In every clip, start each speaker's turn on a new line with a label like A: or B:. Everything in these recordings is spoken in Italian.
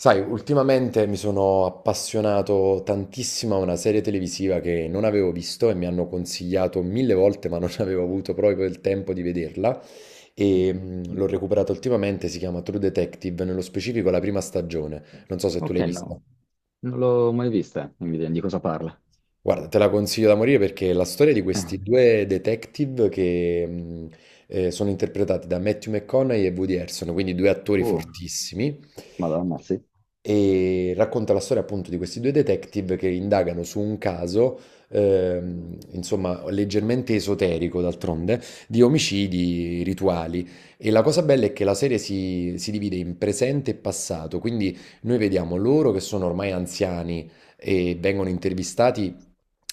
A: Sai, ultimamente mi sono appassionato tantissimo a una serie televisiva che non avevo visto e mi hanno consigliato mille volte, ma non avevo avuto proprio il tempo di vederla. E l'ho recuperata ultimamente, si chiama True Detective, nello specifico la prima stagione. Non so se tu
B: Ok,
A: l'hai vista.
B: no, non l'ho mai vista, Nvidia, di cosa parla?
A: Guarda, te la consiglio da morire perché è la storia di questi
B: Eh,
A: due detective che sono interpretati da Matthew McConaughey e Woody Harrelson, quindi due attori
B: oh,
A: fortissimi,
B: Madonna, sì,
A: e racconta la storia appunto di questi due detective che indagano su un caso, insomma, leggermente esoterico d'altronde, di omicidi rituali. E la cosa bella è che la serie si divide in presente e passato, quindi noi vediamo loro che sono ormai anziani e vengono intervistati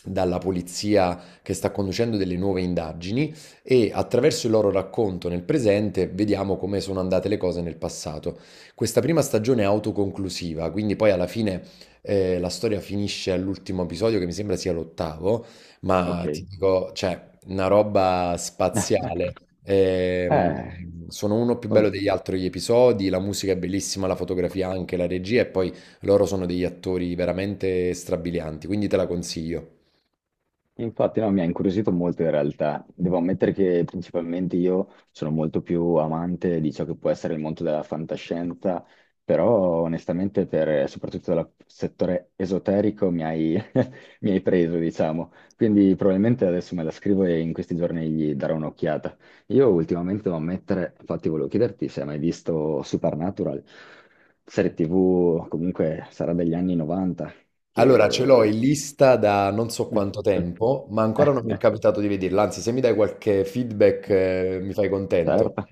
A: dalla polizia che sta conducendo delle nuove indagini e attraverso il loro racconto nel presente vediamo come sono andate le cose nel passato. Questa prima stagione è autoconclusiva, quindi poi alla fine la storia finisce all'ultimo episodio che mi sembra sia l'ottavo,
B: ok.
A: ma ti dico, cioè, una roba spaziale.
B: Eh,
A: Ehm, Sono uno più
B: oh,
A: bello
B: no,
A: degli altri gli episodi, la musica è bellissima, la fotografia anche, la regia e poi loro sono degli attori veramente strabilianti, quindi te la consiglio.
B: infatti no, mi ha incuriosito molto in realtà. Devo ammettere che principalmente io sono molto più amante di ciò che può essere il mondo della fantascienza, però onestamente per soprattutto dal settore esoterico mi hai preso, diciamo. Quindi probabilmente adesso me la scrivo e in questi giorni gli darò un'occhiata. Io ultimamente devo ammettere, infatti volevo chiederti se hai mai visto Supernatural, serie TV, comunque sarà degli anni 90,
A: Allora, ce
B: che...
A: l'ho in lista da non so quanto tempo, ma ancora non mi è capitato di vederla. Anzi, se mi dai qualche feedback, mi fai contento.
B: Certo,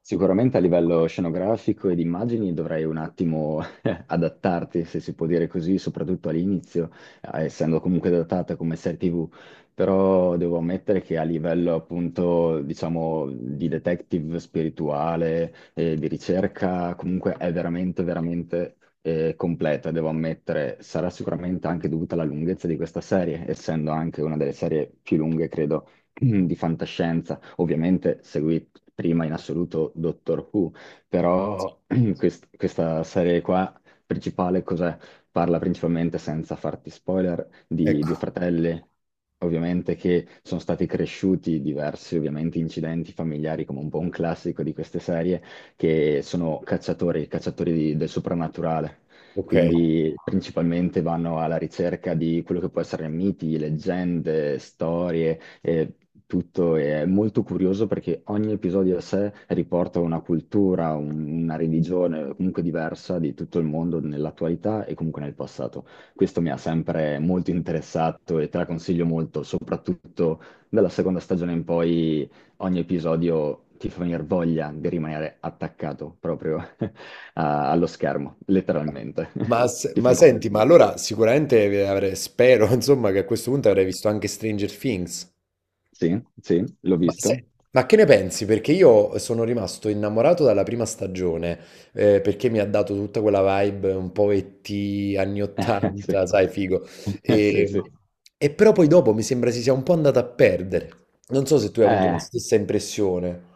B: sicuramente a livello scenografico e di immagini dovrai un attimo adattarti, se si può dire così, soprattutto all'inizio, essendo comunque datata come serie TV, però devo ammettere che a livello appunto, diciamo, di detective spirituale, di ricerca, comunque è veramente, veramente completa, devo ammettere. Sarà sicuramente anche dovuta alla lunghezza di questa serie, essendo anche una delle serie più lunghe, credo di fantascienza. Ovviamente seguì prima in assoluto Doctor Who, però questa serie qua principale cos'è? Parla principalmente, senza farti spoiler, di due
A: Ecco,
B: fratelli, ovviamente, che sono stati cresciuti diversi, ovviamente, incidenti familiari, come un po' un classico di queste serie, che sono cacciatori, del soprannaturale.
A: ok.
B: Quindi principalmente vanno alla ricerca di quello che può essere miti, leggende, storie, e tutto è molto curioso perché ogni episodio a sé riporta una cultura, una religione comunque diversa di tutto il mondo nell'attualità e comunque nel passato. Questo mi ha sempre molto interessato e te la consiglio molto, soprattutto dalla seconda stagione in poi ogni episodio ti fa venire voglia di rimanere attaccato proprio allo schermo, letteralmente.
A: Ma, se-
B: Ti fa
A: ma senti, ma
B: incuriosire.
A: allora sicuramente spero, insomma, che a questo punto avrei visto anche Stranger Things.
B: Sì, sì, l'ho
A: Ma, se-
B: visto.
A: ma che ne pensi? Perché io sono rimasto innamorato dalla prima stagione, perché mi ha dato tutta quella vibe un po' ET, anni
B: Sì,
A: 80, sai, figo.
B: sì,
A: E,
B: sì.
A: e però poi dopo mi sembra si sia un po' andata a perdere. Non so se tu hai avuto la
B: Eh,
A: stessa impressione.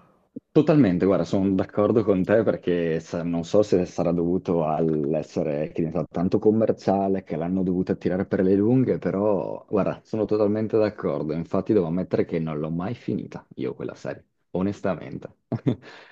B: totalmente, guarda, sono d'accordo con te perché non so se sarà dovuto all'essere che ne so, tanto commerciale che l'hanno dovuta tirare per le lunghe, però guarda, sono totalmente d'accordo. Infatti devo ammettere che non l'ho mai finita io quella serie, onestamente.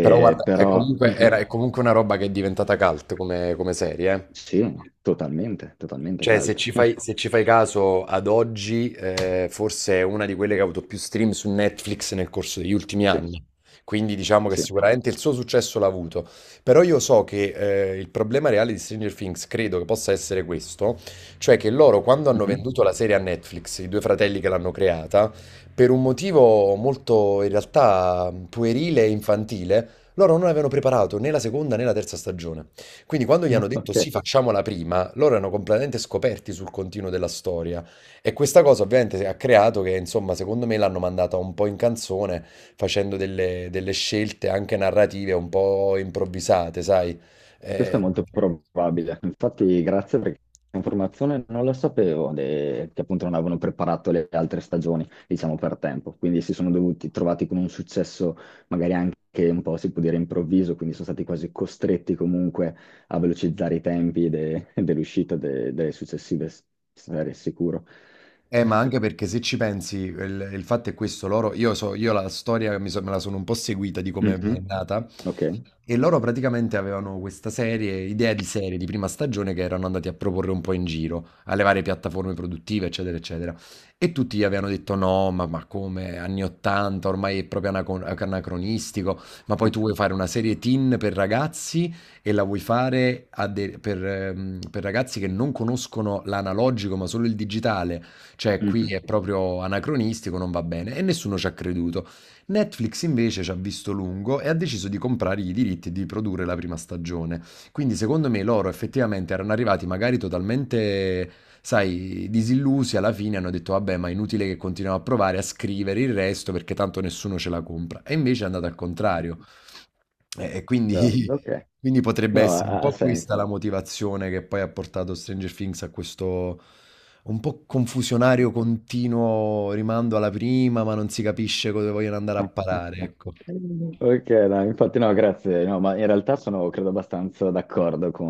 A: Però guarda,
B: però
A: è comunque una roba che è diventata cult come serie, eh.
B: sì, totalmente, totalmente
A: Cioè,
B: caldo.
A: se ci fai caso ad oggi, forse è una di quelle che ha avuto più stream su Netflix nel corso degli ultimi
B: Sì,
A: anni. Quindi diciamo che
B: sì.
A: sicuramente il suo successo l'ha avuto. Però io so che il problema reale di Stranger Things credo che possa essere questo, cioè che loro quando hanno
B: Mhm.
A: venduto la serie a Netflix, i due fratelli che l'hanno creata, per un motivo molto in realtà puerile e infantile, loro non avevano preparato né la seconda né la terza stagione. Quindi quando gli hanno detto sì,
B: Ok.
A: facciamola prima, loro erano completamente scoperti sul continuo della storia. E questa cosa ovviamente ha creato che, insomma, secondo me l'hanno mandata un po' in canzone, facendo delle scelte anche narrative un po' improvvisate, sai?
B: Questo è
A: Eh,
B: molto probabile. Infatti, grazie perché informazione non la sapevo, che appunto non avevano preparato le altre stagioni, diciamo, per tempo. Quindi si sono dovuti trovati con un successo magari anche un po', si può dire, improvviso, quindi sono stati quasi costretti comunque a velocizzare i tempi dell'uscita delle successive serie, sicuro.
A: Ma anche perché se ci pensi, il fatto è questo, loro, io la storia mi me la sono un po' seguita di come è
B: Mhm.
A: nata,
B: Ok.
A: e loro praticamente avevano questa serie, idea di serie di prima stagione che erano andati a proporre un po' in giro, alle varie piattaforme produttive, eccetera, eccetera, e tutti gli avevano detto no, ma come, anni 80, ormai è proprio anacronistico, ma poi tu vuoi fare una serie teen per ragazzi e la vuoi fare a per ragazzi che non conoscono l'analogico ma solo il digitale, cioè, qui
B: Mhm.
A: è proprio anacronistico, non va bene. E nessuno ci ha creduto. Netflix invece ci ha visto lungo e ha deciso di comprare i diritti e di produrre la prima stagione. Quindi, secondo me, loro effettivamente erano arrivati magari totalmente, sai, disillusi alla fine, hanno detto, vabbè, ma è inutile che continuiamo a provare a scrivere il resto perché tanto nessuno ce la compra. E invece è andato al contrario. E quindi,
B: Ok.
A: quindi potrebbe
B: No,
A: essere un
B: ha
A: po'
B: senso.
A: questa la motivazione che poi ha portato Stranger Things a questo un po' confusionario, continuo rimando alla prima, ma non si capisce dove vogliono andare a parare, ecco.
B: Ok, no, infatti no, grazie. No, ma in realtà sono, credo, abbastanza d'accordo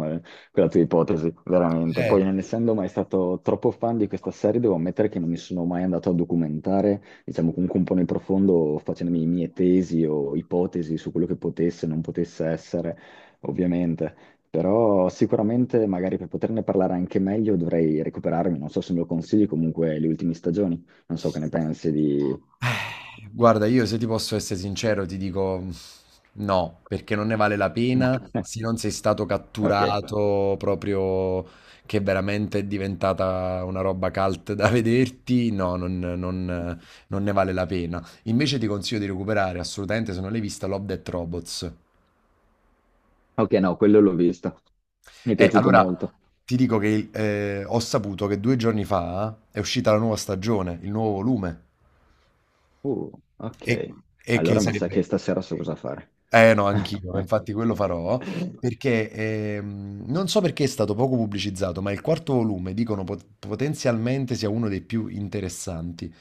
B: con la tua ipotesi, veramente.
A: Eh,
B: Poi, non essendo mai stato troppo fan di questa serie, devo ammettere che non mi sono mai andato a documentare, diciamo, comunque un po' nel profondo, facendomi mie tesi o ipotesi su quello che potesse e non potesse essere, ovviamente. Però sicuramente, magari per poterne parlare anche meglio, dovrei recuperarmi, non so se me lo consigli, comunque, le ultime stagioni. Non so che ne pensi di...
A: guarda, io se ti posso essere sincero, ti dico mm, no, perché non ne vale la pena se non sei stato
B: Ok,
A: catturato proprio che veramente è diventata una roba cult da vederti, non- non ne vale la pena. Invece ti consiglio di recuperare assolutamente, se non l'hai vista, Love Death Robots.
B: ok, no, quello l'ho visto. Mi è
A: E
B: piaciuto
A: allora
B: molto.
A: ti dico che ho saputo che due giorni fa è uscita la nuova stagione, il nuovo volume.
B: Uh,
A: E
B: ok.
A: e che
B: Allora mi sa
A: sarebbe
B: che stasera so cosa fare.
A: Eh no, anch'io, ma infatti quello farò, perché non so perché è stato poco pubblicizzato, ma il quarto volume dicono potenzialmente sia uno dei più interessanti.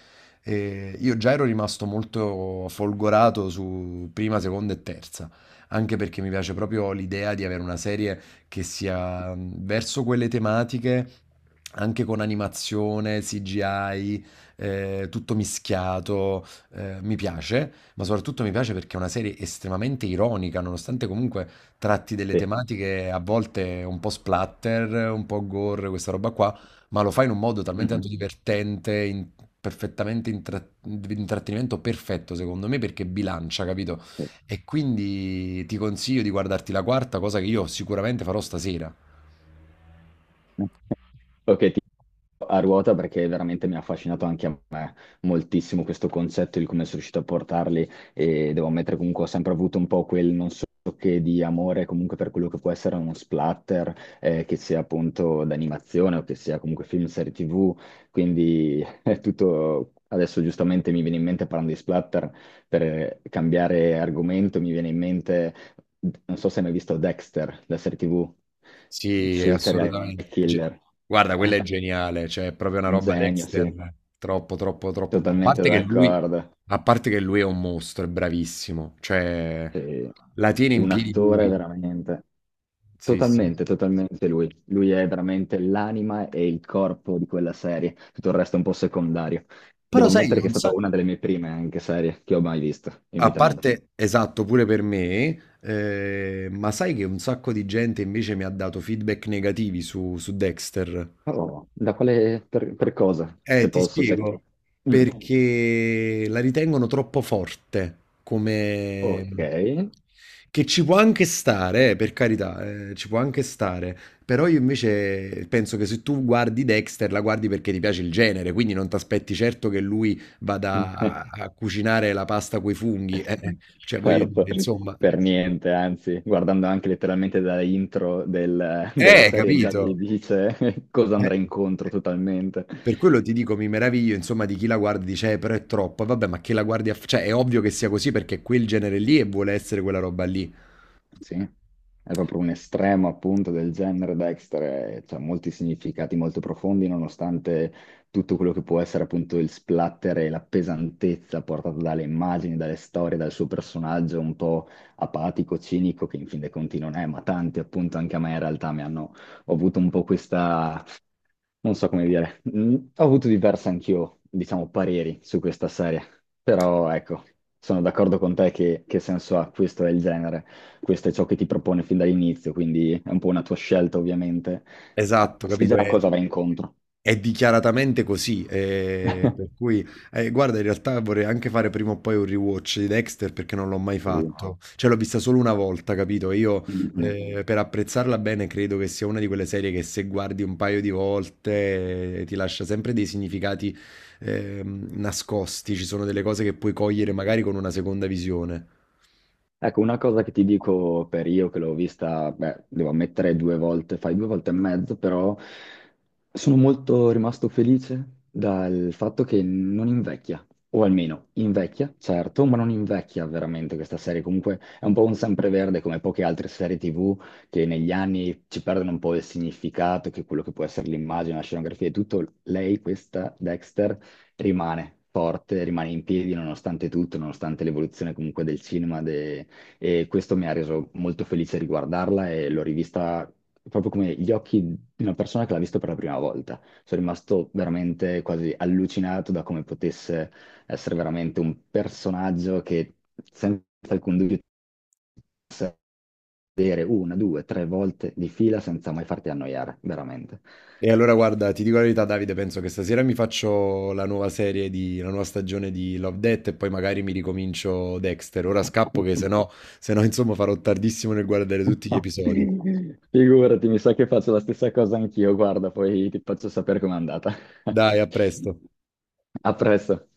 A: E io già ero rimasto molto folgorato su prima, seconda e terza, anche perché mi piace proprio l'idea di avere una serie che sia verso quelle tematiche, anche con animazione, CGI, tutto mischiato mi piace, ma soprattutto mi piace perché è una serie estremamente ironica, nonostante comunque tratti delle
B: Sì.
A: tematiche a volte un po' splatter, un po' gore, questa roba qua, ma lo fa in un modo talmente tanto
B: Mhm.
A: divertente, perfettamente intrattenimento perfetto secondo me perché bilancia, capito?
B: Sì.
A: E quindi ti consiglio di guardarti la quarta, cosa che io sicuramente farò stasera.
B: Ok, a ruota perché veramente mi ha affascinato anche a me moltissimo questo concetto di come sono riuscito a portarli e devo ammettere comunque ho sempre avuto un po' quel non so che di amore comunque per quello che può essere uno splatter, che sia appunto d'animazione o che sia comunque film, serie TV, quindi è tutto... Adesso giustamente mi viene in mente parlando di splatter, per cambiare argomento, mi viene in mente, non so se hai mai visto Dexter, la serie TV,
A: Sì, quindi
B: sul serial
A: assolutamente.
B: killer.
A: Guarda, quella è geniale, cioè è proprio una
B: Un
A: roba
B: genio,
A: Dexter,
B: sì,
A: a
B: totalmente
A: parte che lui,
B: d'accordo.
A: a parte che lui è un mostro, è bravissimo, cioè
B: Sì,
A: la tiene in
B: un
A: piedi
B: attore
A: lui.
B: veramente,
A: Sì, sì.
B: totalmente, totalmente lui. Lui è veramente l'anima e il corpo di quella serie, tutto il resto è un po' secondario.
A: Però
B: Devo
A: sai che
B: ammettere che è
A: un
B: stata
A: sacco...
B: una delle mie prime anche serie che ho mai visto in
A: A
B: vita mia.
A: parte, esatto, pure per me, ma sai che un sacco di gente invece mi ha dato feedback negativi su Dexter?
B: Oh, da quale, per cosa, se
A: Ti
B: posso, cioè-
A: spiego,
B: Mm,
A: perché la ritengono troppo forte, come...
B: ok.
A: che ci può anche stare, per carità, ci può anche stare, però io invece penso che se tu guardi Dexter, la guardi perché ti piace il genere, quindi non ti aspetti certo che lui vada a cucinare la pasta coi funghi, cioè voglio
B: Certo,
A: dire, insomma...
B: per niente, anzi, guardando anche letteralmente da intro della serie già ti
A: Capito?
B: dice cosa
A: Eh.
B: andrà incontro totalmente.
A: Per quello ti dico, mi meraviglio, insomma, di chi la guarda e dice, però è troppo. E vabbè, ma che la guardi cioè, è ovvio che sia così perché è quel genere lì e vuole essere quella roba lì.
B: Sì, è proprio un estremo appunto del genere Dexter, e c'ha molti significati molto profondi nonostante tutto quello che può essere appunto il splatter e la pesantezza portata dalle immagini, dalle storie, dal suo personaggio un po' apatico, cinico, che in fin dei conti non è, ma tanti appunto anche a me in realtà mi hanno ho avuto un po' questa non so come dire, mm, ho avuto diversi anch'io, diciamo, pareri su questa serie, però ecco, sono d'accordo con te che senso ha, questo è il genere, questo è ciò che ti propone fin dall'inizio, quindi è un po' una tua scelta ovviamente, ah,
A: Esatto,
B: sai già
A: capito?
B: a cosa vai incontro.
A: È dichiaratamente così, per cui guarda in realtà vorrei anche fare prima o poi un rewatch di Dexter perché non l'ho mai
B: Sì.
A: fatto. Cioè l'ho vista solo una volta, capito? Io
B: Mhm.
A: per apprezzarla bene credo che sia una di quelle serie che se guardi un paio di volte ti lascia sempre dei significati nascosti, ci sono delle cose che puoi cogliere magari con una seconda visione.
B: Ecco, una cosa che ti dico per io che l'ho vista, beh, devo ammettere due volte, fai due volte e mezzo, però sono molto rimasto felice dal fatto che non invecchia, o almeno invecchia, certo, ma non invecchia veramente questa serie. Comunque è un po' un sempreverde come poche altre serie TV che negli anni ci perdono un po' il significato, che quello che può essere l'immagine, la scenografia e tutto. Lei, questa Dexter, rimane forte, rimane in piedi nonostante tutto, nonostante l'evoluzione comunque del cinema, de- e questo mi ha reso molto felice riguardarla e l'ho rivista proprio come gli occhi di una persona che l'ha vista per la prima volta. Sono rimasto veramente quasi allucinato da come potesse essere veramente un personaggio che senza alcun dubbio vedere una, due, tre volte di fila senza mai farti annoiare, veramente.
A: E allora guarda, ti dico la verità, Davide, penso che stasera mi faccio la nuova serie di, la nuova stagione di Love, Death e poi magari mi ricomincio Dexter. Ora scappo che se no, se no, insomma farò tardissimo nel guardare tutti gli
B: No.
A: episodi.
B: Figurati, mi sa che faccio la stessa cosa anch'io, guarda, poi ti faccio sapere com'è andata.
A: Dai, a presto.
B: A presto.